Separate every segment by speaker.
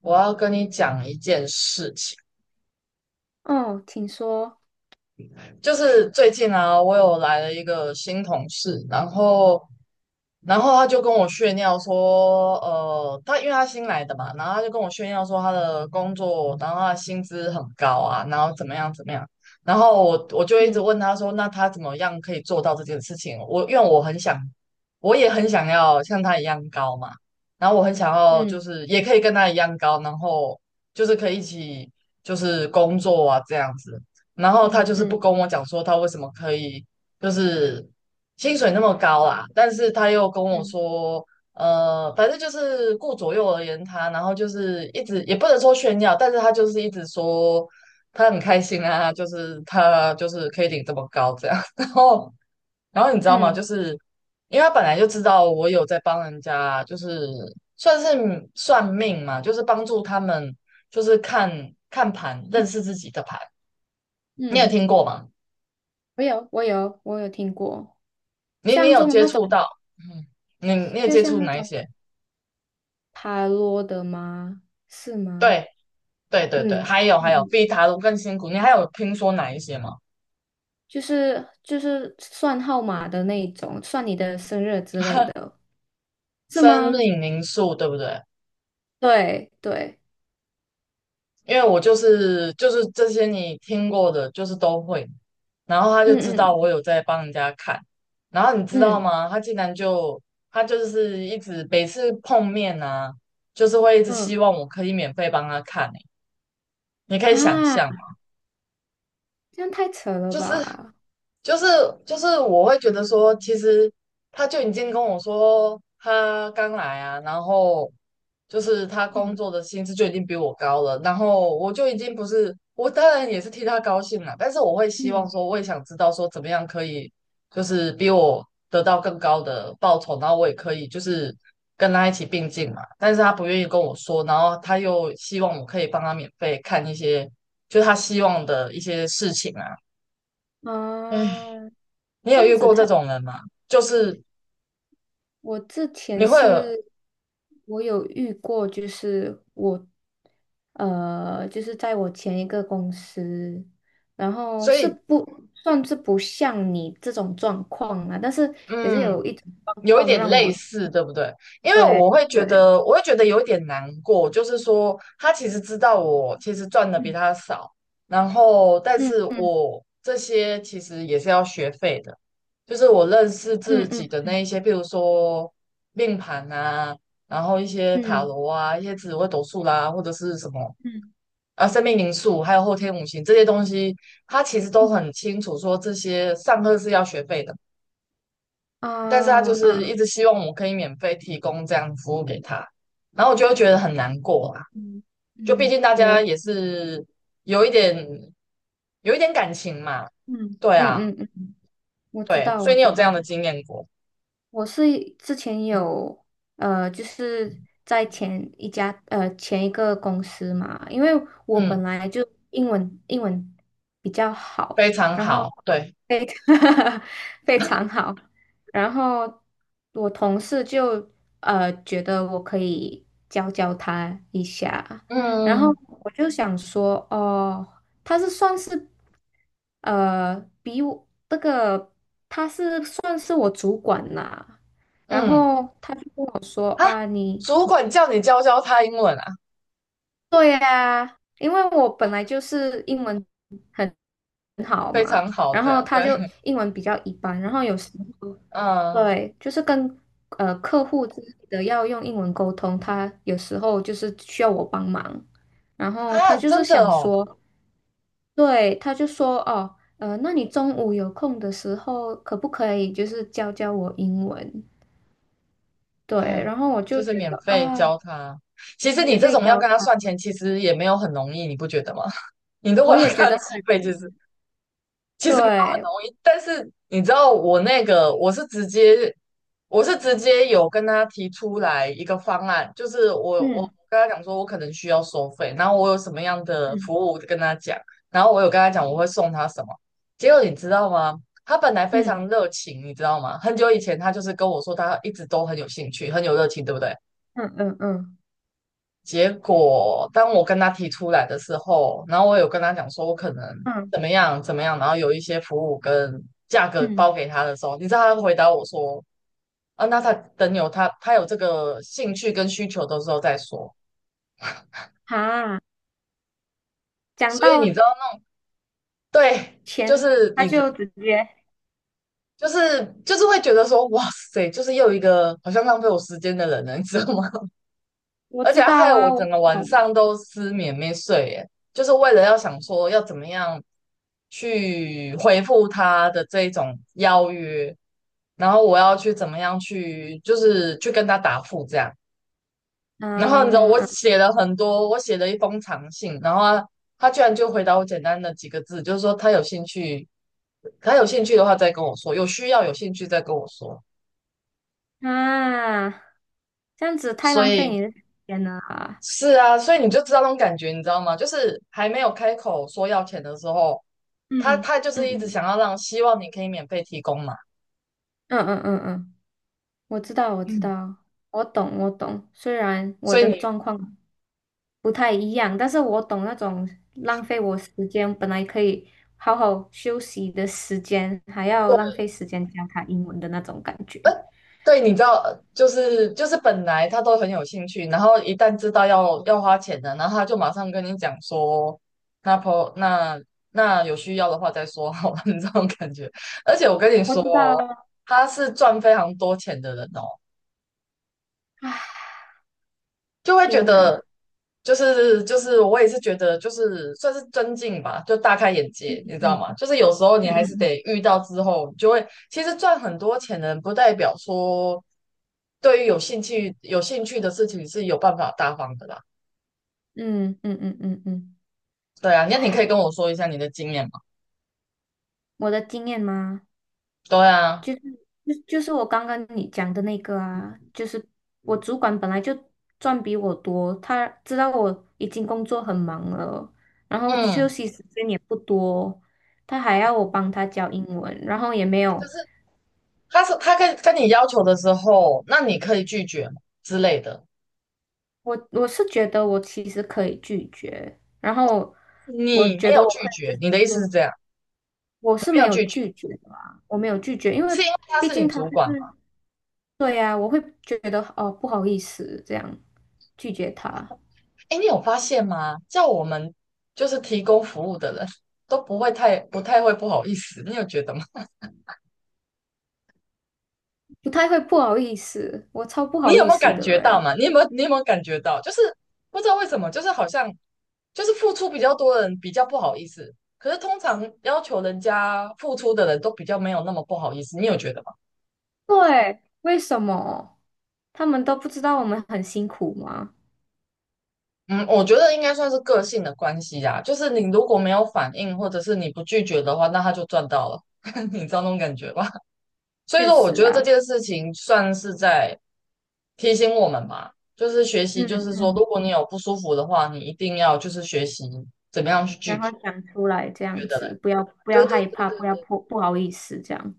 Speaker 1: 我要跟你讲一件事情，
Speaker 2: 哦，请说。
Speaker 1: 就是最近啊，我有来了一个新同事，然后他就跟我炫耀说，他因为他新来的嘛，然后他就跟我炫耀说他的工作，然后他的薪资很高啊，然后怎么样怎么样，然后我就一直
Speaker 2: 嗯
Speaker 1: 问他说，那他怎么样可以做到这件事情？我因为我很想，我也很想要像他一样高嘛，然后我很想要
Speaker 2: 嗯
Speaker 1: 就是也可以跟他一样高，然后就是可以一起就是工作啊这样子，然后他
Speaker 2: 嗯
Speaker 1: 就是不
Speaker 2: 嗯
Speaker 1: 跟我讲说他为什么可以。就是薪水那么高啦，但是他又跟我
Speaker 2: 嗯
Speaker 1: 说，反正就是顾左右而言他，然后就是一直也不能说炫耀，但是他就是一直说他很开心啊，就是他就是可以领这么高这样，然后你知道吗？
Speaker 2: 嗯
Speaker 1: 就是因为他本来就知道我有在帮人家，就是算是算命嘛，就是帮助他们就是看看盘，认识自己的盘，
Speaker 2: 嗯，
Speaker 1: 你有
Speaker 2: 嗯
Speaker 1: 听过吗？
Speaker 2: 我有听过，
Speaker 1: 你
Speaker 2: 像这
Speaker 1: 有
Speaker 2: 种
Speaker 1: 接
Speaker 2: 那种，
Speaker 1: 触到？嗯，你有
Speaker 2: 就
Speaker 1: 接
Speaker 2: 像
Speaker 1: 触
Speaker 2: 那
Speaker 1: 哪一
Speaker 2: 种
Speaker 1: 些？
Speaker 2: 塔罗的吗？是吗？
Speaker 1: 对，对对对，
Speaker 2: 嗯
Speaker 1: 还有
Speaker 2: 嗯
Speaker 1: 还有，
Speaker 2: 嗯，
Speaker 1: 比塔卢更辛苦。你还有听说哪一些吗？
Speaker 2: 就是算号码的那一种，算你的生日之类 的，是
Speaker 1: 生
Speaker 2: 吗？
Speaker 1: 命灵数，对不对？
Speaker 2: 对对，
Speaker 1: 因为我就是这些你听过的，就是都会。然后他就
Speaker 2: 嗯
Speaker 1: 知道我
Speaker 2: 嗯
Speaker 1: 有在帮人家看，然后你知道
Speaker 2: 嗯
Speaker 1: 吗？他竟然就他就是一直每次碰面啊，就是会一直希
Speaker 2: 嗯，
Speaker 1: 望我可以免费帮他看、欸。你可以想象，
Speaker 2: 啊，这样太扯了
Speaker 1: 就是
Speaker 2: 吧？
Speaker 1: 就是就是我会觉得说，其实他就已经跟我说他刚来啊，然后就是他工
Speaker 2: 嗯
Speaker 1: 作的薪资就已经比我高了，然后我就已经不是，我当然也是替他高兴了，但是我会希望说，
Speaker 2: 嗯
Speaker 1: 我也想知道说怎么样可以就是比我得到更高的报酬，然后我也可以就是跟他一起并进嘛，但是他不愿意跟我说，然后他又希望我可以帮他免费看一些，就是他希望的一些事情啊。
Speaker 2: 嗯
Speaker 1: 哎，
Speaker 2: 啊，
Speaker 1: 你
Speaker 2: 这
Speaker 1: 有
Speaker 2: 样
Speaker 1: 遇
Speaker 2: 子。
Speaker 1: 过这种人吗？就是
Speaker 2: 我之前
Speaker 1: 你会有，
Speaker 2: 是，我有遇过，就是我，就是在我前一个公司，然后
Speaker 1: 所
Speaker 2: 是
Speaker 1: 以
Speaker 2: 不算是不像你这种状况啊，但是也是
Speaker 1: 嗯，
Speaker 2: 有一种状
Speaker 1: 有一
Speaker 2: 况
Speaker 1: 点
Speaker 2: 让
Speaker 1: 类
Speaker 2: 我，
Speaker 1: 似，对不对？因为
Speaker 2: 对
Speaker 1: 我会觉
Speaker 2: 对，
Speaker 1: 得，我会觉得有一点难过，就是说他其实知道我其实赚的比
Speaker 2: 嗯
Speaker 1: 他少，然后但
Speaker 2: 嗯
Speaker 1: 是
Speaker 2: 嗯
Speaker 1: 我这些其实也是要学费的，就是我认识自己的
Speaker 2: 嗯
Speaker 1: 那一些，比如说命盘啊，然后一些塔
Speaker 2: 嗯
Speaker 1: 罗啊，一些紫微斗数啦，或者是什么
Speaker 2: 嗯嗯
Speaker 1: 啊，生命灵数，还有后天五行这些东西，他其实都
Speaker 2: 嗯
Speaker 1: 很清楚说这些上课是要学费的，但是他就
Speaker 2: 啊
Speaker 1: 是
Speaker 2: 啊
Speaker 1: 一直希望我可以免费提供这样的服务给他，然后我就会觉得很难过啊，
Speaker 2: 嗯
Speaker 1: 就毕
Speaker 2: 嗯，
Speaker 1: 竟大家
Speaker 2: 了，
Speaker 1: 也是有一点有一点感情嘛，
Speaker 2: 嗯
Speaker 1: 对
Speaker 2: 嗯
Speaker 1: 啊，
Speaker 2: 嗯嗯，我知
Speaker 1: 对，
Speaker 2: 道
Speaker 1: 所
Speaker 2: 我
Speaker 1: 以你
Speaker 2: 知
Speaker 1: 有
Speaker 2: 道，
Speaker 1: 这样的经验过，
Speaker 2: 我是之前有就是在前一个公司嘛，因为我
Speaker 1: 嗯，
Speaker 2: 本来就英文比较
Speaker 1: 非
Speaker 2: 好，
Speaker 1: 常
Speaker 2: 然后
Speaker 1: 好，对，
Speaker 2: 非 非常好，然后我同事就觉得我可以教教他一下，然后
Speaker 1: 嗯
Speaker 2: 我就想说哦。他是算是呃比我这个他是算是我主管啦，然
Speaker 1: 嗯
Speaker 2: 后他就跟我说
Speaker 1: 啊，
Speaker 2: 啊，你
Speaker 1: 主管叫你教教他英文啊，
Speaker 2: 对呀、因为我本来就是英文很很好
Speaker 1: 非
Speaker 2: 嘛，
Speaker 1: 常好
Speaker 2: 然后
Speaker 1: 的，
Speaker 2: 他
Speaker 1: 对，
Speaker 2: 就英文比较一般，然后有时候
Speaker 1: 嗯
Speaker 2: 对，就是跟客户之类的要用英文沟通，他有时候就是需要我帮忙，然后他
Speaker 1: 啊，
Speaker 2: 就是
Speaker 1: 真的
Speaker 2: 想
Speaker 1: 哦。
Speaker 2: 说。对，他就说哦，那你中午有空的时候，可不可以就是教教我英文？对，
Speaker 1: 哎，
Speaker 2: 然后我
Speaker 1: 就
Speaker 2: 就
Speaker 1: 是
Speaker 2: 觉
Speaker 1: 免
Speaker 2: 得
Speaker 1: 费
Speaker 2: 啊，
Speaker 1: 教他。其实
Speaker 2: 免
Speaker 1: 你这
Speaker 2: 费
Speaker 1: 种要
Speaker 2: 教
Speaker 1: 跟他算
Speaker 2: 他，
Speaker 1: 钱，其实也没有很容易，你不觉得吗？你如
Speaker 2: 我
Speaker 1: 果要
Speaker 2: 也
Speaker 1: 跟
Speaker 2: 觉
Speaker 1: 他
Speaker 2: 得很
Speaker 1: 计费，就是其实没有很
Speaker 2: 对，
Speaker 1: 容易，但是你知道我那个，我是直接，我是直接有跟他提出来一个方案，就是我
Speaker 2: 嗯
Speaker 1: 跟他讲说，我可能需要收费，然后我有什么样的
Speaker 2: 嗯
Speaker 1: 服务跟他讲，然后我有跟他讲我会送他什么，结果你知道吗？他本来非常
Speaker 2: 嗯
Speaker 1: 热情，你知道吗？很久以前他就是跟我说，他一直都很有兴趣，很有热情，对不对？
Speaker 2: 嗯嗯嗯
Speaker 1: 结果当我跟他提出来的时候，然后我有跟他讲说我可能
Speaker 2: 嗯
Speaker 1: 怎么样怎么样，然后有一些服务跟价格
Speaker 2: 嗯，
Speaker 1: 包给他的时候，你知道他回答我说啊，那他等有他有这个兴趣跟需求的时候再说。
Speaker 2: 啊，讲
Speaker 1: 所以你
Speaker 2: 到
Speaker 1: 知道吗？对，就
Speaker 2: 钱，
Speaker 1: 是
Speaker 2: 他
Speaker 1: 你知，
Speaker 2: 就直接
Speaker 1: 就是会觉得说哇塞，就是又一个好像浪费我时间的人了，你知道吗？
Speaker 2: 我
Speaker 1: 而
Speaker 2: 知
Speaker 1: 且
Speaker 2: 道
Speaker 1: 害我
Speaker 2: 啊，我
Speaker 1: 整个晚
Speaker 2: 懂
Speaker 1: 上都失眠没睡，耶，就是为了要想说要怎么样去回复他的这一种邀约，然后我要去怎么样去，就是去跟他答复这样。然后你知道
Speaker 2: 啊
Speaker 1: 我
Speaker 2: 啊
Speaker 1: 写了很多，我写了一封长信，然后他居然就回答我简单的几个字，就是说他有兴趣，他有兴趣的话再跟我说，有需要有兴趣再跟我说。
Speaker 2: 啊，这样子太
Speaker 1: 所
Speaker 2: 浪费
Speaker 1: 以
Speaker 2: 你的时间了啊，
Speaker 1: 是啊，所以你就知道那种感觉，你知道吗？就是还没有开口说要钱的时候，他
Speaker 2: 嗯
Speaker 1: 他就是一直
Speaker 2: 嗯
Speaker 1: 想要让，希望你可以免费提供嘛。
Speaker 2: 嗯嗯嗯嗯。我知道，我知
Speaker 1: 嗯，
Speaker 2: 道，我懂，我懂。虽然我
Speaker 1: 所以
Speaker 2: 的
Speaker 1: 你
Speaker 2: 状况不太一样，但是我懂那种浪费我时间，本来可以好好休息的时间，还要
Speaker 1: 对
Speaker 2: 浪费时间教他英文的那种感觉。
Speaker 1: 对，你知道，就是本来他都很有兴趣，然后一旦知道要花钱的，然后他就马上跟你讲说，那婆那那有需要的话再说好了，你这种感觉。而且我跟你
Speaker 2: 我
Speaker 1: 说
Speaker 2: 知道
Speaker 1: 哦，
Speaker 2: 啊，
Speaker 1: 他是赚非常多钱的人哦。就会觉
Speaker 2: 天
Speaker 1: 得，
Speaker 2: 哪！
Speaker 1: 就是我也是觉得，就是算是尊敬吧，就大开眼
Speaker 2: 嗯
Speaker 1: 界，你知道
Speaker 2: 嗯
Speaker 1: 吗？就是有时候你还是
Speaker 2: 嗯
Speaker 1: 得遇到之后，你就会其实赚很多钱的人，不代表说对于有兴趣的事情是有办法大方的啦。
Speaker 2: 嗯嗯嗯嗯嗯嗯，
Speaker 1: 对啊，那你可
Speaker 2: 唉，
Speaker 1: 以跟我说一下你的经验吗？
Speaker 2: 我的经验吗？
Speaker 1: 对啊，
Speaker 2: 就是我刚刚你讲的那个啊，就是我主
Speaker 1: 嗯
Speaker 2: 管本来就赚比我多，他知道我已经工作很忙了，然后休
Speaker 1: 嗯
Speaker 2: 息时间也不多，他还要我帮他教英文，然后也没
Speaker 1: 就
Speaker 2: 有，
Speaker 1: 是他是他跟你要求的时候，那你可以拒绝吗之类的，
Speaker 2: 我是觉得我其实可以拒绝，然后我
Speaker 1: 你没
Speaker 2: 觉得
Speaker 1: 有
Speaker 2: 我
Speaker 1: 拒
Speaker 2: 可以就
Speaker 1: 绝，
Speaker 2: 是
Speaker 1: 你的意思是
Speaker 2: 说
Speaker 1: 这样，
Speaker 2: 我是
Speaker 1: 没
Speaker 2: 没
Speaker 1: 有
Speaker 2: 有
Speaker 1: 拒绝，
Speaker 2: 拒绝的啊，我没有拒绝，因为
Speaker 1: 是因为他
Speaker 2: 毕
Speaker 1: 是你
Speaker 2: 竟他就
Speaker 1: 主管。
Speaker 2: 是对呀、啊我会觉得哦不好意思这样拒绝他。
Speaker 1: 哎，你有发现吗？叫我们就是提供服务的人都不会太不太会不好意思，你有觉得吗？
Speaker 2: 不太会不好意思，我超不
Speaker 1: 你
Speaker 2: 好
Speaker 1: 有
Speaker 2: 意
Speaker 1: 没有
Speaker 2: 思
Speaker 1: 感
Speaker 2: 的
Speaker 1: 觉到
Speaker 2: 诶。
Speaker 1: 嘛？你有没有感觉到？就是不知道为什么，就是好像就是付出比较多的人比较不好意思，可是通常要求人家付出的人都比较没有那么不好意思，你有觉得吗？
Speaker 2: 对，为什么？他们都不知道我们很辛苦吗？
Speaker 1: 嗯，我觉得应该算是个性的关系啊，就是你如果没有反应，或者是你不拒绝的话，那他就赚到了，你知道那种感觉吧？所以
Speaker 2: 确
Speaker 1: 说，我
Speaker 2: 实
Speaker 1: 觉得这
Speaker 2: 啊，
Speaker 1: 件事情算是在提醒我们吧，就是学习，
Speaker 2: 嗯
Speaker 1: 就是说，
Speaker 2: 嗯，
Speaker 1: 如果你有不舒服的话，你一定要就是学习怎么样去拒
Speaker 2: 然后
Speaker 1: 绝，
Speaker 2: 讲出来这
Speaker 1: 你觉
Speaker 2: 样
Speaker 1: 得嘞？
Speaker 2: 子，不要
Speaker 1: 对对
Speaker 2: 害
Speaker 1: 对
Speaker 2: 怕，
Speaker 1: 对
Speaker 2: 不要
Speaker 1: 对，
Speaker 2: 不好意思这样，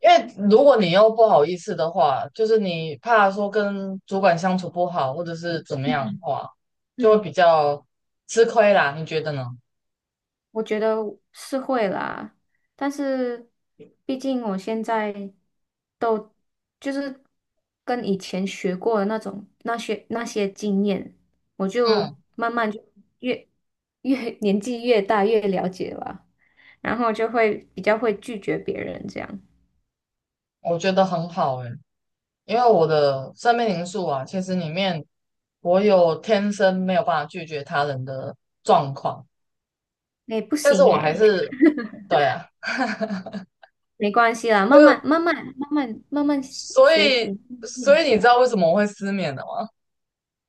Speaker 1: 因为如果你又不好意思的话，就是你怕说跟主管相处不好，或者是怎么样的
Speaker 2: 嗯
Speaker 1: 话，就会
Speaker 2: 嗯。
Speaker 1: 比较吃亏啦，你觉得呢？
Speaker 2: 我觉得是会啦，但是毕竟我现在都就是跟以前学过的那种那些经验，我
Speaker 1: 嗯，
Speaker 2: 就慢慢就越越年纪越大越了解吧，然后就会比较会拒绝别人这样。
Speaker 1: 我觉得很好诶、因为我的生命灵数啊，其实里面我有天生没有办法拒绝他人的状况，
Speaker 2: 哎，不
Speaker 1: 但是
Speaker 2: 行
Speaker 1: 我还
Speaker 2: 哎，
Speaker 1: 是对啊，
Speaker 2: 没关系啦，慢慢慢慢慢慢慢慢
Speaker 1: 所
Speaker 2: 学
Speaker 1: 以
Speaker 2: 习练起
Speaker 1: 你知道
Speaker 2: 来。
Speaker 1: 为什么我会失眠的吗？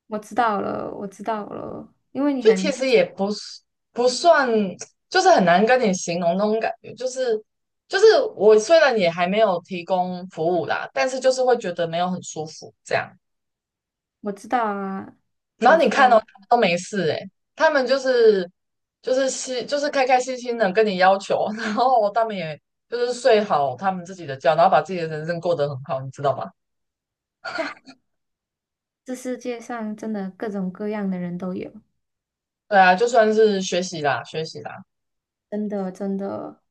Speaker 2: 我知道了，我知道了，因为
Speaker 1: 就其实也不是不算，就是很难跟你形容那种感觉，就是我虽然也还没有提供服务啦，但是就是会觉得没有很舒服这样。
Speaker 2: 我知道啊，
Speaker 1: 然
Speaker 2: 我
Speaker 1: 后你
Speaker 2: 知道，
Speaker 1: 看到他
Speaker 2: 我
Speaker 1: 们都没事诶，他们就是心就是开开心心的跟你要求，然后他们也就是睡好他们自己的觉，然后把自己的人生过得很好，你知道吗？
Speaker 2: 这世界上真的各种各样的人都有，
Speaker 1: 对啊，就算是学习啦，学习啦，
Speaker 2: 真的真的。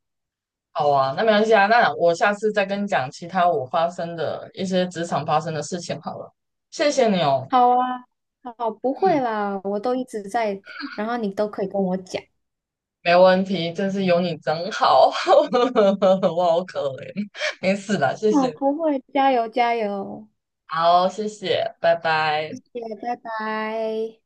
Speaker 1: 好啊，那没关系啊，那我下次再跟你讲其他我发生的一些职场发生的事情好了。谢谢你哦，
Speaker 2: 好啊，好，不会啦，我都一直在，然后你都可以跟我讲。
Speaker 1: 没问题，真是有你真好，我好可怜，没事啦，谢
Speaker 2: 好
Speaker 1: 谢，
Speaker 2: 不会，加油加油，
Speaker 1: 好，谢谢，拜
Speaker 2: 谢
Speaker 1: 拜。
Speaker 2: 谢，拜拜。